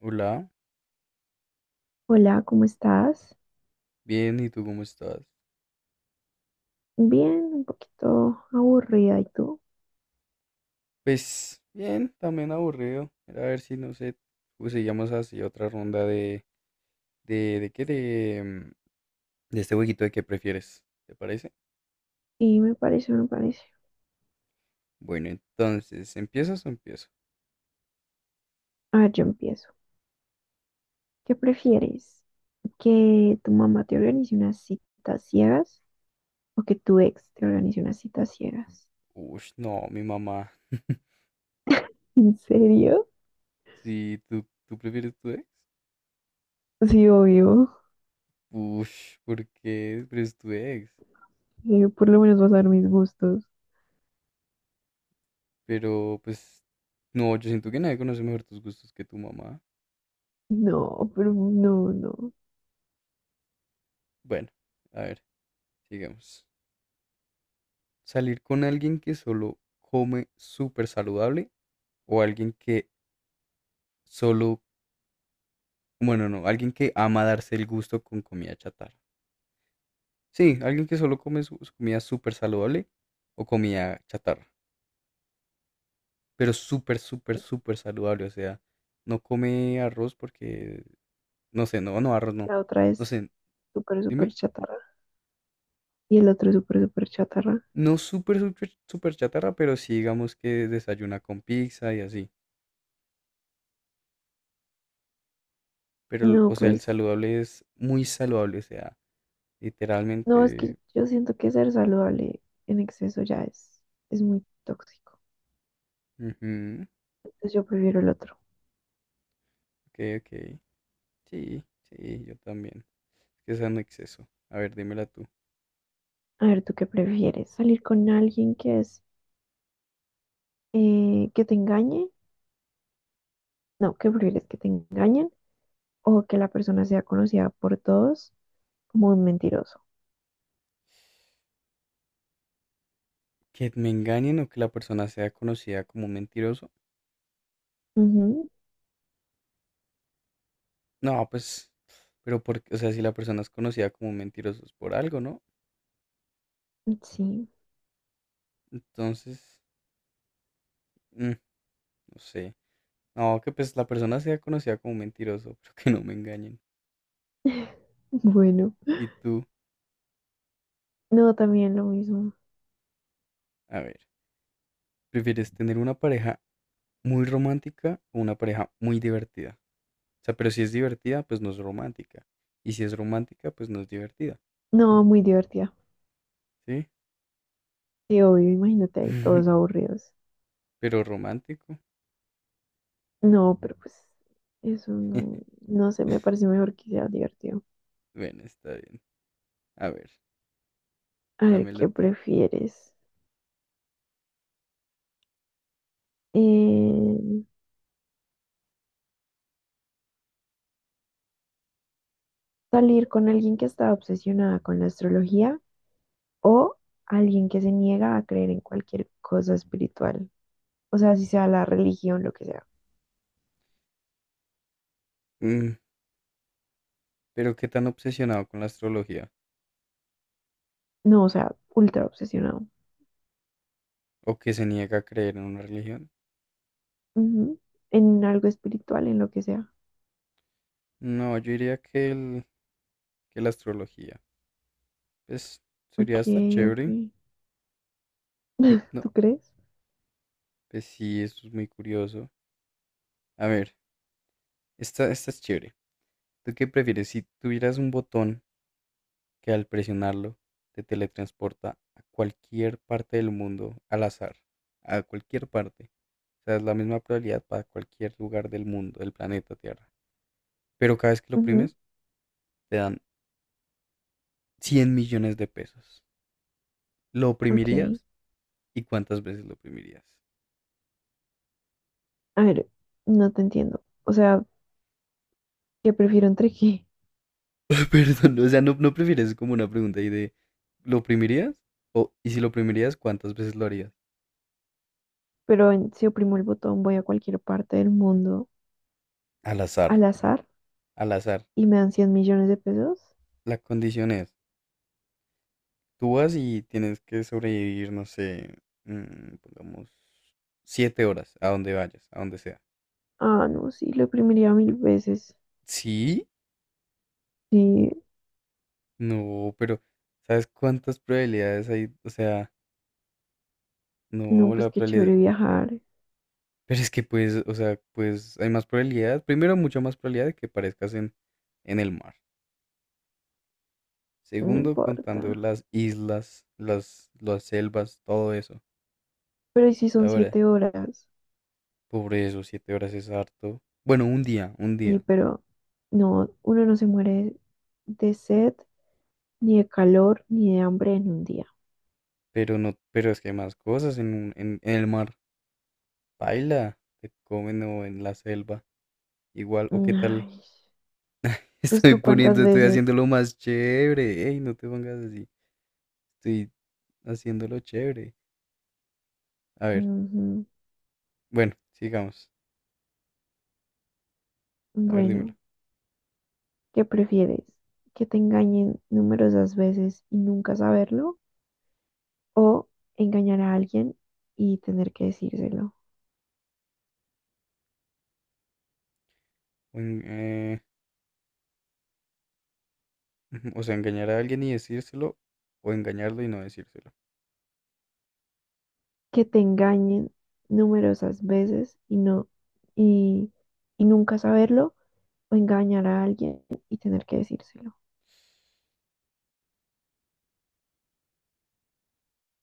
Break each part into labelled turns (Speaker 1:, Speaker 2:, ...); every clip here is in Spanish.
Speaker 1: Hola,
Speaker 2: Hola, ¿cómo estás?
Speaker 1: bien, ¿y tú cómo estás?
Speaker 2: Bien, un poquito aburrida. ¿Y tú?
Speaker 1: Pues bien, también aburrido. Era a ver si, no sé, seguíamos así otra ronda de, ¿de qué? De, mm, de este jueguito de qué prefieres, ¿te parece?
Speaker 2: Y me parece, me parece.
Speaker 1: Bueno, entonces, ¿empiezas o empiezo?
Speaker 2: A ver, yo empiezo. ¿Qué prefieres? ¿Que tu mamá te organice unas citas ciegas o que tu ex te organice unas citas ciegas?
Speaker 1: Ush, no, mi mamá.
Speaker 2: ¿En serio?
Speaker 1: Sí, ¿tú prefieres tu ex?
Speaker 2: Sí, obvio.
Speaker 1: Ush, ¿por qué prefieres tu ex?
Speaker 2: Por lo menos vas a ver mis gustos.
Speaker 1: Pero yo siento que nadie conoce mejor tus gustos que tu mamá.
Speaker 2: No, pero no, no.
Speaker 1: Bueno, a ver, sigamos. ¿Salir con alguien que solo come súper saludable o alguien que solo, bueno, no, alguien que ama darse el gusto con comida chatarra? Sí, alguien que solo come su comida súper saludable o comida chatarra, pero súper saludable. O sea, no come arroz porque, no sé, arroz no.
Speaker 2: La otra
Speaker 1: No
Speaker 2: es
Speaker 1: sé,
Speaker 2: súper, súper
Speaker 1: dime,
Speaker 2: chatarra. Y el otro es súper, súper chatarra.
Speaker 1: no súper chatarra, pero sí digamos que desayuna con pizza y así. Pero,
Speaker 2: No,
Speaker 1: o sea, el
Speaker 2: pues
Speaker 1: saludable es muy saludable, o sea,
Speaker 2: no, es que
Speaker 1: literalmente.
Speaker 2: yo siento que ser saludable en exceso ya es muy tóxico.
Speaker 1: Ujú.
Speaker 2: Entonces yo prefiero el otro.
Speaker 1: Ok, ok. Sí, sí, yo también. Es que es un exceso. A ver, dímela tú.
Speaker 2: A ver, ¿tú qué prefieres? ¿Salir con alguien que es que te engañe? No, ¿qué prefieres? ¿Que te engañen? ¿O que la persona sea conocida por todos como un mentiroso?
Speaker 1: ¿Que me engañen o que la persona sea conocida como un mentiroso?
Speaker 2: Ujú,
Speaker 1: No, pues, pero porque, o sea, si la persona es conocida como un mentiroso es por algo, ¿no?
Speaker 2: sí,
Speaker 1: Entonces, mm, no sé. No, que pues la persona sea conocida como un mentiroso, pero que no me engañen.
Speaker 2: bueno.
Speaker 1: ¿Y tú?
Speaker 2: No, también lo mismo.
Speaker 1: A ver, ¿prefieres tener una pareja muy romántica o una pareja muy divertida? O sea, pero si es divertida, pues no es romántica. Y si es romántica, pues no es divertida.
Speaker 2: No, muy divertida.
Speaker 1: Sí,
Speaker 2: Sí, obvio, imagínate ahí todos aburridos.
Speaker 1: pero romántico.
Speaker 2: No, pero pues eso no, no sé, me parece mejor que sea divertido.
Speaker 1: Bueno, está bien. A ver,
Speaker 2: A ver,
Speaker 1: dámelo
Speaker 2: ¿qué
Speaker 1: tú.
Speaker 2: prefieres? Eh, ¿Salir con alguien que está obsesionada con la astrología o alguien que se niega a creer en cualquier cosa espiritual? O sea, si sea la religión, lo que sea.
Speaker 1: Mm, pero qué tan obsesionado con la astrología
Speaker 2: No, o sea, ultra obsesionado.
Speaker 1: o que se niega a creer en una religión.
Speaker 2: Ujú. En algo espiritual, en lo que sea.
Speaker 1: No, yo diría que, que la astrología. Pues
Speaker 2: Ok,
Speaker 1: sería hasta chévere.
Speaker 2: ok.
Speaker 1: No,
Speaker 2: ¿Tú crees?
Speaker 1: pues sí, eso es muy curioso. A ver, esta es chévere. ¿Tú qué prefieres si tuvieras un botón que al presionarlo te teletransporta a cualquier parte del mundo al azar? A cualquier parte. O sea, es la misma probabilidad para cualquier lugar del mundo, del planeta Tierra. Pero cada vez que lo
Speaker 2: Ujú,
Speaker 1: oprimes, te dan 100 millones de pesos. ¿Lo
Speaker 2: ok.
Speaker 1: oprimirías? ¿Y cuántas veces lo oprimirías?
Speaker 2: A ver, no te entiendo. O sea, ¿qué prefiero entre qué?
Speaker 1: Perdón, o sea, no, no prefieres como una pregunta ahí de ¿lo oprimirías? O, y si lo oprimirías, ¿cuántas veces lo harías?
Speaker 2: Pero si oprimo el botón, voy a cualquier parte del mundo
Speaker 1: Al azar.
Speaker 2: al azar.
Speaker 1: Al azar.
Speaker 2: Y me dan 100.000.000 de pesos.
Speaker 1: La condición es, tú vas y tienes que sobrevivir, no sé, pongamos, 7 horas, a donde vayas, a donde sea.
Speaker 2: Ah, no, sí, lo imprimiría 1.000 veces.
Speaker 1: Sí.
Speaker 2: Sí,
Speaker 1: No, pero ¿sabes cuántas probabilidades hay? O sea,
Speaker 2: no,
Speaker 1: no,
Speaker 2: pues
Speaker 1: la
Speaker 2: qué
Speaker 1: probabilidad,
Speaker 2: chévere viajar,
Speaker 1: pero es que pues, o sea, pues hay más probabilidad, primero mucha más probabilidad de que aparezcas en el mar.
Speaker 2: no
Speaker 1: Segundo, contando
Speaker 2: importa.
Speaker 1: las islas, las selvas, todo eso.
Speaker 2: Pero ¿y si son
Speaker 1: Ahora,
Speaker 2: 7 horas?
Speaker 1: pobre eso, 7 horas es harto. Bueno, un día, un día.
Speaker 2: Sí, pero no, uno no se muere de sed, ni de calor, ni de hambre en un día.
Speaker 1: Pero no, pero es que hay más cosas en el mar. Baila, te comen o en la selva. Igual, o qué tal.
Speaker 2: Ay, entonces tú cuántas
Speaker 1: Estoy
Speaker 2: veces...
Speaker 1: haciendo lo más chévere. Ey, no te pongas así. Estoy haciéndolo chévere. A ver,
Speaker 2: Ujú.
Speaker 1: bueno, sigamos. A ver, dímelo.
Speaker 2: Bueno, ¿qué prefieres? ¿Que te engañen numerosas veces y nunca saberlo? ¿O engañar a alguien y tener que decírselo?
Speaker 1: O, en- eh, o sea, engañar a alguien y decírselo, o engañarlo y no decírselo.
Speaker 2: Que te engañen numerosas veces y, y nunca saberlo o engañar a alguien y tener que decírselo.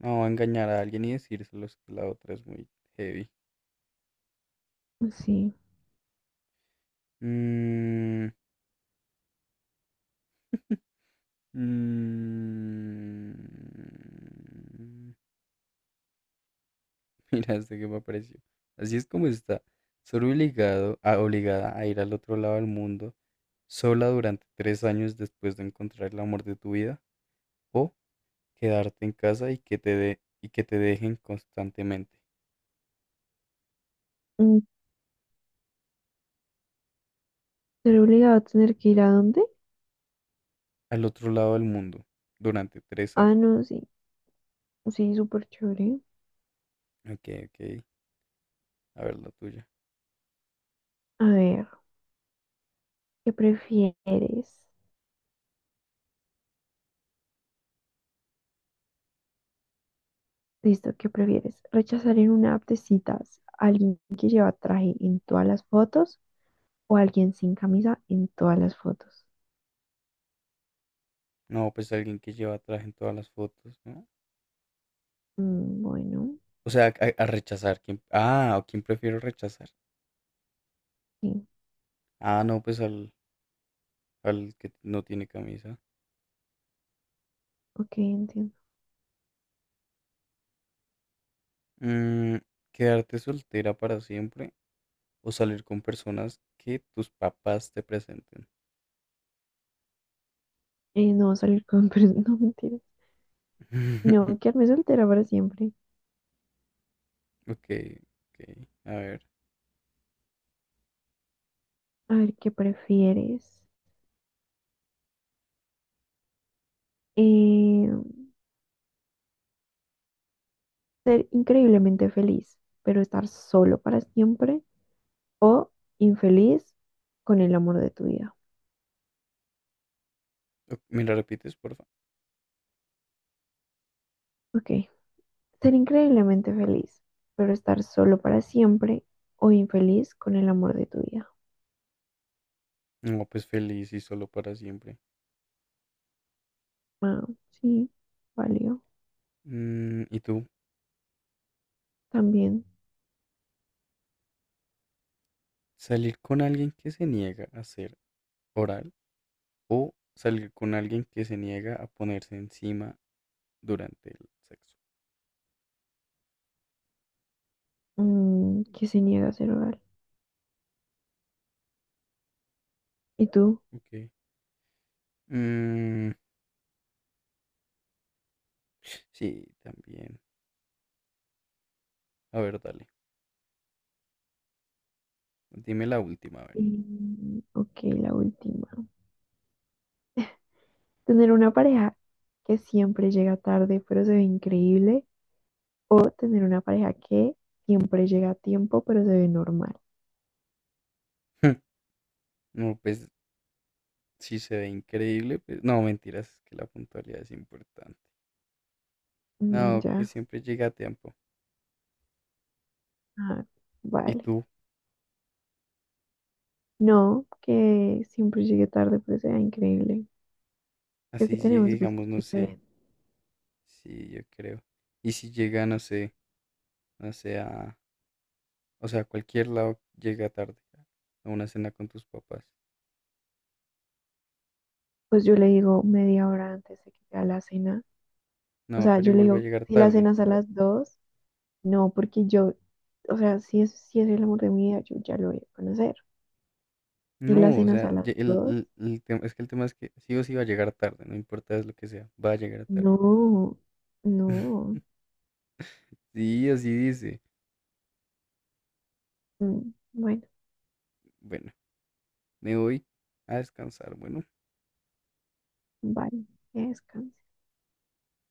Speaker 1: No, engañar a alguien y decírselo es que la otra es muy heavy.
Speaker 2: Pues sí.
Speaker 1: Mm, mm. Mira, este que me apareció. Así es como está. Obligada a ir al otro lado del mundo sola durante 3 años después de encontrar el amor de tu vida o quedarte en casa y y que te dejen constantemente
Speaker 2: Mm, ¿Ser obligado a tener que ir a dónde?
Speaker 1: al otro lado del mundo durante tres
Speaker 2: Ah,
Speaker 1: años.
Speaker 2: no, sí. Sí, súper chévere.
Speaker 1: Ok, ok. A ver la tuya.
Speaker 2: A ver, ¿qué prefieres? Listo, ¿qué prefieres? ¿Rechazar en una app de citas a alguien que lleva traje en todas las fotos o a alguien sin camisa en todas las fotos?
Speaker 1: No, pues alguien que lleva traje en todas las fotos, ¿no?
Speaker 2: Mm, bueno,
Speaker 1: O sea, a rechazar. ¿O quién prefiero rechazar?
Speaker 2: sí,
Speaker 1: Ah, no, al que no tiene camisa.
Speaker 2: ok, entiendo.
Speaker 1: Mm, quedarte soltera para siempre o salir con personas que tus papás te presenten.
Speaker 2: No salir con personas, no mentiras. No, quedarme soltera para siempre.
Speaker 1: Ok, ok. A ver.
Speaker 2: A ver, ¿qué prefieres? Eh, ¿Ser increíblemente feliz, pero estar solo para siempre? ¿O infeliz con el amor de tu vida?
Speaker 1: ¿Me la repites, porfa?
Speaker 2: Ok, ser increíblemente feliz, pero estar solo para siempre o infeliz con el amor de tu vida.
Speaker 1: No, pues feliz y solo para siempre.
Speaker 2: Ah, sí, valió.
Speaker 1: Mm, ¿y tú?
Speaker 2: También,
Speaker 1: ¿Salir con alguien que se niega a ser oral o salir con alguien que se niega a ponerse encima durante el sexo?
Speaker 2: que se niega a ser oral. ¿Y tú?
Speaker 1: Ok. Mm, sí, también. A ver, dale. Dime la última, a ver.
Speaker 2: Mm, ok, la última. Tener una pareja que siempre llega tarde, pero se ve increíble. O tener una pareja que siempre llega a tiempo, pero se ve normal.
Speaker 1: No, pues si se ve increíble, pues no, mentiras, es que la puntualidad es importante.
Speaker 2: Mm,
Speaker 1: No, que
Speaker 2: ya,
Speaker 1: siempre llega a tiempo.
Speaker 2: ah,
Speaker 1: ¿Y
Speaker 2: vale.
Speaker 1: tú?
Speaker 2: No, que siempre llegue tarde, pero se vea increíble. Creo que
Speaker 1: Así llegue,
Speaker 2: tenemos gustos
Speaker 1: digamos, no sé.
Speaker 2: diferentes.
Speaker 1: Sí, yo creo. Y si llega, no sé, no sé, a, o sea, a cualquier lado llega tarde a una cena con tus papás.
Speaker 2: Pues yo le digo media hora antes de que sea la cena. O
Speaker 1: No,
Speaker 2: sea,
Speaker 1: pero
Speaker 2: yo le
Speaker 1: igual va a
Speaker 2: digo,
Speaker 1: llegar
Speaker 2: si la
Speaker 1: tarde.
Speaker 2: cena es a las dos, no, porque yo, o sea, si es el amor de mi vida, yo ya lo voy a conocer. Si
Speaker 1: No,
Speaker 2: la
Speaker 1: o
Speaker 2: cena es
Speaker 1: sea,
Speaker 2: a las dos,
Speaker 1: el tema, es que el tema es que sí o sí va a llegar tarde, no importa lo que sea, va a llegar tarde.
Speaker 2: no, no.
Speaker 1: Sí, así dice.
Speaker 2: Mm, bueno,
Speaker 1: Bueno, me voy a descansar. Bueno.
Speaker 2: vale, que descanse.